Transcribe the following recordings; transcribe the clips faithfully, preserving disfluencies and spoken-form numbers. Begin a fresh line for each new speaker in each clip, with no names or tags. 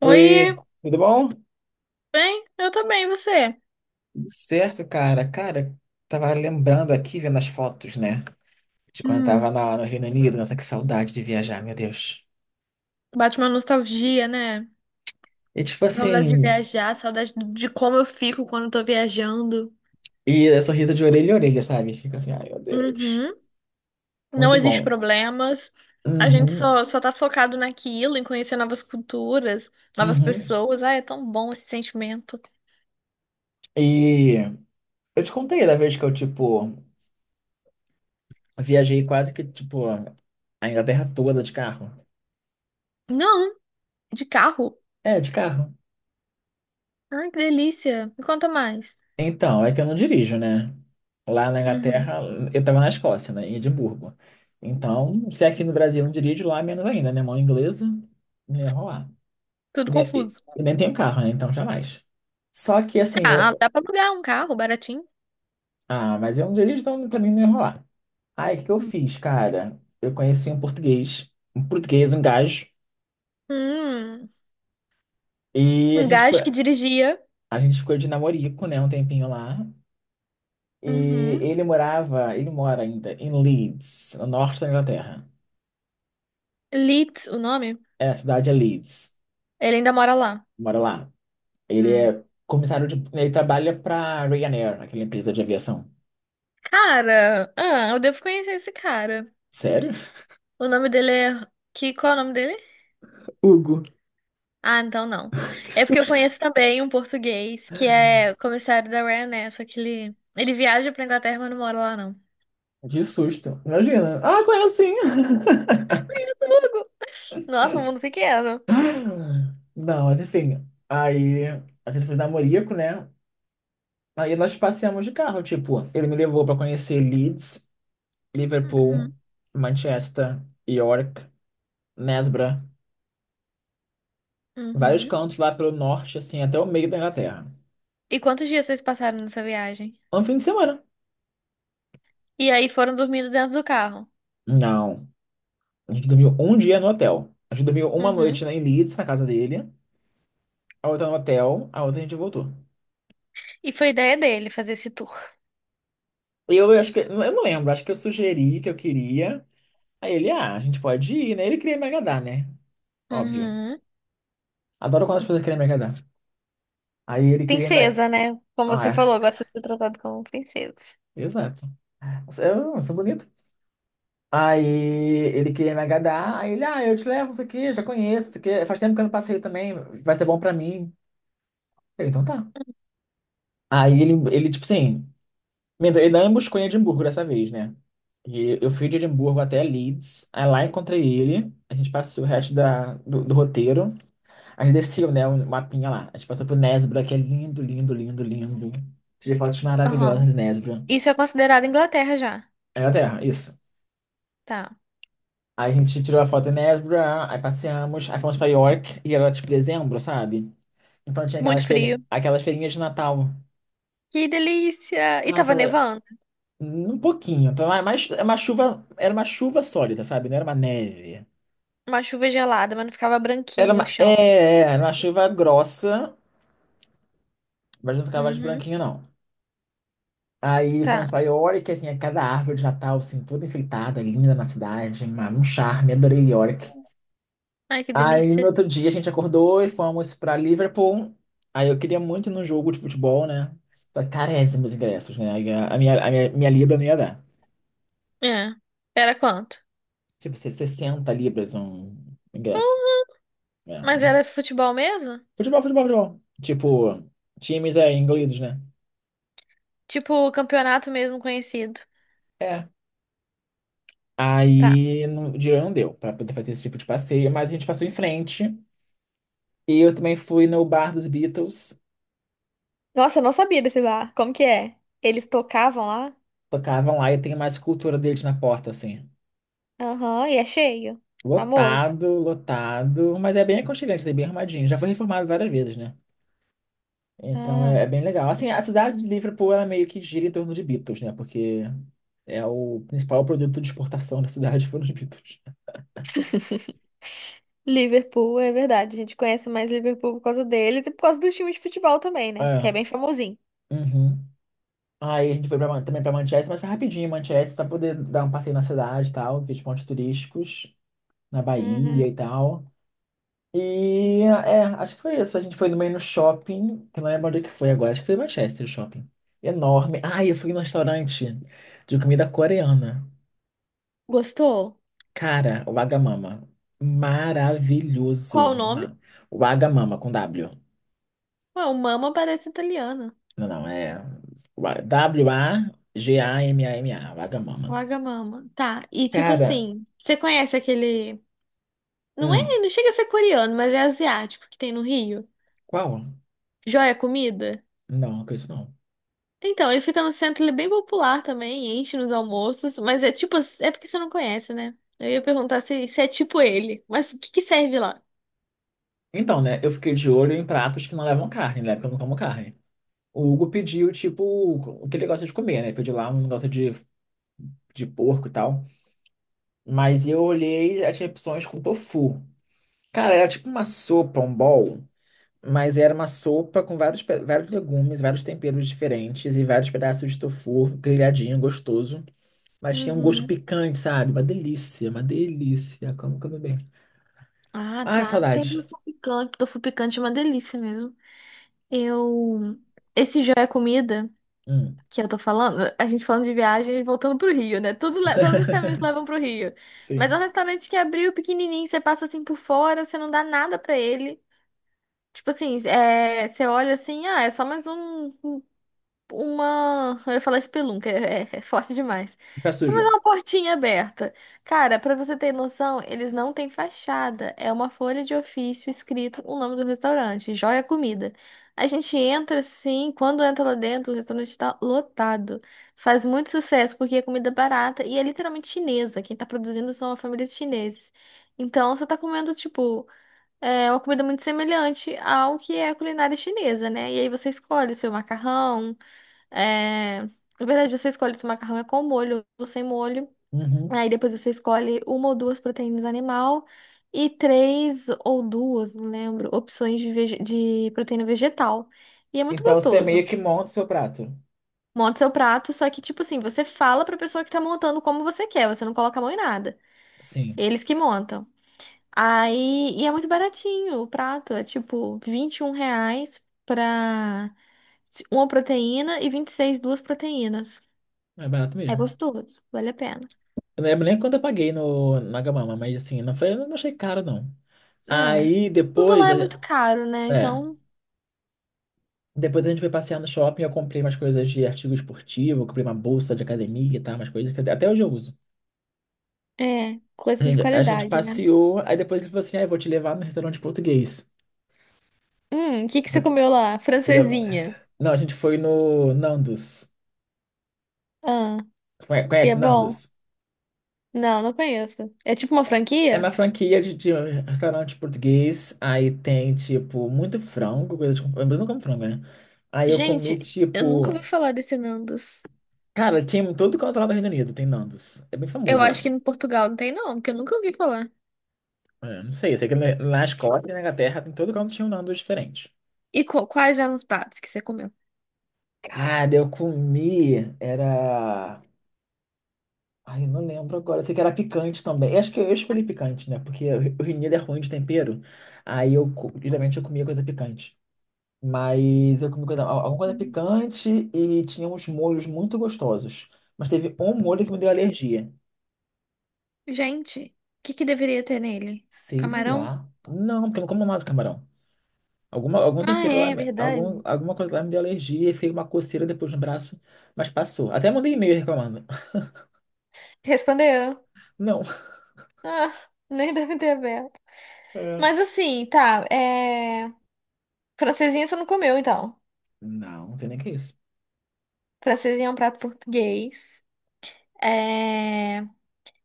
Oi,
Oi, tudo bom? Tudo
bem? Eu tô bem, e você?
certo, cara? Cara, tava lembrando aqui, vendo as fotos, né? De quando eu tava
Hum,
na- no Reino Unido. Nossa, que saudade de viajar, meu Deus.
bate uma nostalgia, né?
E tipo
Saudade de
assim,
viajar, saudade do- de como eu fico quando eu tô viajando.
e é sorriso de orelha a orelha, sabe? Fica assim, ai meu Deus.
Uhum. Não
Muito
existe
bom.
problemas. A gente
Uhum,
só, só tá focado naquilo, em conhecer novas culturas, novas
uhum.
pessoas. Ah, é tão bom esse sentimento.
E eu te contei da vez que eu, tipo, viajei quase que, tipo, a Inglaterra toda de carro.
Não, de carro.
É, de carro.
Ai, que delícia. Me conta mais.
Então, é que eu não dirijo, né? Lá na
Uhum.
Inglaterra, eu estava na Escócia, né? Em Edimburgo. Então, se é aqui no Brasil eu não dirijo, lá menos ainda, né? Mão inglesa, não ia rolar. E
Tudo
nem, e-
confuso.
e nem tenho carro, né? Então, jamais. Só que, assim,
Ah,
eu-
dá pra alugar um carro baratinho.
ah, mas eu não dirijo, então pra mim não ia rolar. Aí, o que que eu
Hum.
fiz, cara? Eu conheci um português, um português, um gajo,
Hum,
e a
um
gente ficou,
gajo que dirigia.
a gente ficou de namorico, né? Um tempinho lá. E
Uhum.
ele morava, ele mora ainda em Leeds, no norte da Inglaterra.
Litz, o nome?
É, a cidade é Leeds,
Ele ainda mora lá.
mora lá. Ele
Hum.
é comissário de. Ele trabalha pra Ryanair, aquela empresa de aviação.
Cara, ah, eu devo conhecer esse cara.
Sério?
O nome dele é. Que, qual é o nome dele?
Hugo,
Ah, então não.
que
É porque eu
susto.
conheço também um português que é comissário da Ryanair, né? Só que ele, ele viaja pra Inglaterra, mas não mora lá, não.
Que susto. Imagina. Ah, conheço sim.
Tudo. Nossa, um mundo pequeno.
Não, mas enfim. Aí a gente foi namorico, né? Aí nós passeamos de carro, tipo, ele me levou pra conhecer Leeds, Liverpool,
Uhum,
Manchester, York, Nesbra, vários
uhum.
cantos lá pelo norte, assim, até o meio da Inglaterra.
E quantos dias vocês passaram nessa viagem?
Um fim de semana.
E aí foram dormindo dentro do carro.
Não. A gente dormiu um dia no hotel. A gente dormiu uma
Uhum.
noite na em Leeds, na casa dele, a outra no hotel, a outra a gente voltou.
E foi ideia dele fazer esse tour.
Eu acho que, eu não lembro, acho que eu sugeri que eu queria. Aí ele, ah, a gente pode ir, né? Ele queria me agradar, né? Óbvio.
Uhum.
Adoro quando as pessoas querem me agradar. Aí ele queria me.
Princesa, né? Como
Ah,
você
é,
falou, gosta de ser tratado como princesa.
exato. Eu sou bonito. Aí ele queria me agradar. Aí ele, ah, eu te levo, isso aqui, já conheço, isso aqui. Faz tempo que eu não passei também, vai ser bom pra mim. Eu, então tá. Aí ele, ele, tipo assim, minto, ele não me buscou em Edimburgo dessa vez, né? E eu fui de Edimburgo até Leeds, aí lá encontrei ele, a gente passou o resto da, do, do roteiro, a gente desceu, né, o mapinha lá, a gente passou por Nesbra, que é lindo, lindo, lindo, lindo. Tirei fotos maravilhosas
Aham.
de Nesbra.
Isso é considerado Inglaterra já.
Era terra, isso.
Tá.
Aí a gente tirou a foto em Nesbra, aí passeamos, aí fomos pra York, e era tipo dezembro, sabe? Então tinha
Muito
aquelas, feri
frio.
aquelas feirinhas de Natal.
Que delícia! E
Ah,
tava
aquela...
nevando.
Um pouquinho, então, é mais é uma chuva, era uma chuva sólida, sabe? Não era uma neve.
Uma chuva gelada, mas não ficava
Era
branquinho o
uma, é,
chão.
é, era uma chuva grossa, mas não ficava de
Uhum.
branquinho, não. Aí
Tá.
fomos pra York, assim, é cada árvore de Natal, assim, toda enfeitada, linda na cidade, uma- um charme, adorei York.
Ai, que
Aí
delícia.
no outro dia a gente acordou e fomos pra Liverpool. Aí eu queria muito ir num jogo de futebol, né? Só que caríssimos ingressos, né? Aí A a minha, a minha, minha libra não ia dar.
É. Era quanto?
Tipo, se- sessenta libras um ingresso,
Hum,
né?
Mas era futebol mesmo?
Futebol, futebol, futebol. Tipo, times é ingleses, né?
Tipo, campeonato mesmo conhecido.
É.
Tá.
Aí não, o dinheiro não deu para poder fazer esse tipo de passeio, mas a gente passou em frente. E eu também fui no bar dos Beatles,
Nossa, eu não sabia desse bar. Como que é? Eles tocavam lá?
tocavam lá e tem mais escultura deles na porta, assim.
Aham, e é cheio. Famoso.
Lotado, lotado, mas é bem aconchegante, é bem arrumadinho. Já foi reformado várias vezes, né? Então
Ah.
é, é bem legal. Assim, a cidade de Liverpool, ela meio que gira em torno de Beatles, né? Porque é o principal produto de exportação da cidade foram os Beatles.
Liverpool, é verdade. A gente conhece mais Liverpool por causa deles e por causa do time de futebol também, né? Que é
É,
bem famosinho.
uhum. Aí a gente foi pra, Man- também pra Manchester, mas foi rapidinho, em Manchester, pra poder dar um passeio na cidade e tal, ver os pontos turísticos, na Bahia
Uhum.
e tal. E é, acho que foi isso. A gente foi no meio no shopping, que eu não lembro onde é que foi agora, acho que foi em Manchester o shopping. Enorme. Ah, eu fui num restaurante de comida coreana.
Gostou?
Cara, o Wagamama.
Qual
Maravilhoso.
o nome?
Ma- O Wagamama com W.
Ué, o Mama parece italiano.
Não, não, é W A G A M A M A, Wagamama.
Wagamama. Tá. E tipo
Cara,
assim, você conhece aquele. Não
hum,
é, não chega a ser coreano, mas é asiático que tem no Rio.
qual?
Joia Comida.
Não, com isso não.
Então, ele fica no centro, ele é bem popular também, enche nos almoços, mas é tipo, é porque você não conhece, né? Eu ia perguntar se, se é tipo ele, mas o que que serve lá?
Então, né, eu fiquei de olho em pratos que não levam carne, né, porque eu não como carne. O Hugo pediu, tipo, o que ele gosta de comer, né? Pediu lá um negócio de, de porco e tal. Mas eu olhei, aí tinha opções com tofu. Cara, era tipo uma sopa, um bowl, mas era uma sopa com vários, pe- vários legumes, vários temperos diferentes e vários pedaços de tofu grelhadinho, gostoso. Mas tinha um gosto
Uhum.
picante, sabe? Uma delícia, uma delícia. Como comer bem.
Ah,
Ai,
tá. Tem
saudades.
tofu picante, tofu picante é uma delícia mesmo. Eu. Esse já é comida
Hum,
que eu tô falando, a gente falando de viagem e voltando pro Rio, né? Tudo, le- todos os caminhos levam pro Rio. Mas é um
sim.
restaurante que abriu pequenininho, você passa assim por fora, você não dá nada pra ele. Tipo assim, é, você olha assim, ah, é só mais um uma. Eu ia falar espelunca, é, é, é forte demais.
Pé
Isso, mas é
sujo.
uma portinha aberta. Cara, pra você ter noção, eles não têm fachada. É uma folha de ofício escrito o nome do restaurante, Joia Comida. A gente entra assim, quando entra lá dentro, o restaurante tá lotado. Faz muito sucesso porque é comida barata e é literalmente chinesa. Quem tá produzindo são uma família de chineses. Então você tá comendo, tipo. É uma comida muito semelhante ao que é a culinária chinesa, né? E aí você escolhe o seu macarrão, é... Na verdade, você escolhe se o macarrão é com molho ou sem molho.
Uhum.
Aí depois você escolhe uma ou duas proteínas animal e três ou duas, não lembro, opções de, vege- de proteína vegetal. E é muito
Então você meio
gostoso.
que monta o seu prato.
Monta seu prato, só que, tipo assim, você fala pra pessoa que tá montando como você quer, você não coloca a mão em nada.
Sim,
Eles que montam. Aí, e é muito baratinho o prato, é tipo vinte e um reais pra uma proteína e vinte e seis duas proteínas.
é barato
É
mesmo.
gostoso, vale a pena.
Eu não lembro nem quanto eu paguei no na Gamama, mas assim, não foi, eu não achei caro, não.
É.
Aí
E tudo lá
depois,
é
a
muito
gente-
caro, né?
é,
Então,
depois a gente foi passear no shopping, eu comprei umas coisas de artigo esportivo, comprei uma bolsa de academia, tá? Umas coisas que até até hoje eu uso.
é,
A
coisa de
gente, a gente
qualidade, né?
passeou, aí depois ele falou assim, ah, eu vou te levar no restaurante português.
Hum, o que que você
Porque,
comeu lá?
ele-
Francesinha.
não, a gente foi no Nandos.
Ah,
Conhe-
e é
Conhece
bom?
Nandos?
Não, não conheço. É tipo uma
É uma
franquia?
franquia de, de restaurante português. Aí tem, tipo, muito frango, coisa de. Eu não como frango, né? Aí eu comi,
Gente, eu nunca ouvi
tipo.
falar desse Nandos.
Cara, tinha em todo canto lá do Reino Unido, tem Nandos. É bem
Eu
famoso
acho
lá.
que em Portugal não tem, não, porque eu nunca ouvi falar.
É, não sei, eu sei que na na Escócia e na Inglaterra, em todo canto tinha um Nandos diferente.
E qu- quais eram os pratos que você comeu?
Cara, eu comi. Era. Ai, eu não lembro agora. Eu sei que era picante também. Eu acho que eu escolhi picante, né? Porque o Reino Unido é ruim de tempero. Aí eu, co- geralmente, eu comia coisa picante. Mas eu comi coisa, alguma coisa
Uhum.
picante e tinha uns molhos muito gostosos. Mas teve um molho que me deu alergia.
Gente, o que que deveria ter nele?
Sei
Camarão?
lá. Não, porque eu não como mais camarão. Alguma, algum
Ah,
tempero lá,
é,
me- algum,
verdade.
alguma coisa lá me deu alergia e fez uma coceira depois no braço, mas passou. Até mandei e-mail reclamando.
Respondeu.
Não.
Ah, nem deve ter aberto.
É.
Mas assim, tá, é. Francesinha você não comeu, então.
Não, não sei nem o que é isso.
Francesinha é um prato português. É...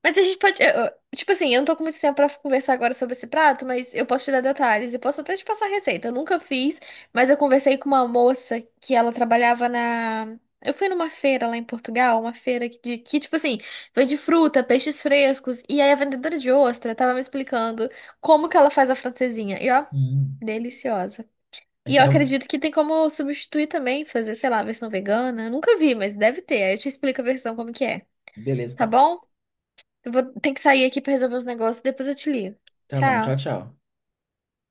Mas a gente pode. Eu- eu- tipo assim, eu não tô com muito tempo pra conversar agora sobre esse prato, mas eu posso te dar detalhes e posso até te passar a receita. Eu nunca fiz, mas eu conversei com uma moça que ela trabalhava na. Eu fui numa feira lá em Portugal, uma feira que, de, que, tipo assim, vende fruta, peixes frescos. E aí a vendedora de ostra tava me explicando como que ela faz a francesinha. E ó,
Hum.
deliciosa. E eu
Então,
acredito que tem como substituir também, fazer, sei lá, a versão vegana. Eu nunca vi, mas deve ter. Aí eu te explico a versão como que é.
beleza,
Tá
então.
bom? Eu vou ter que sair aqui pra resolver os negócios, depois eu te ligo.
Tá bom,
Tchau.
tchau, tchau.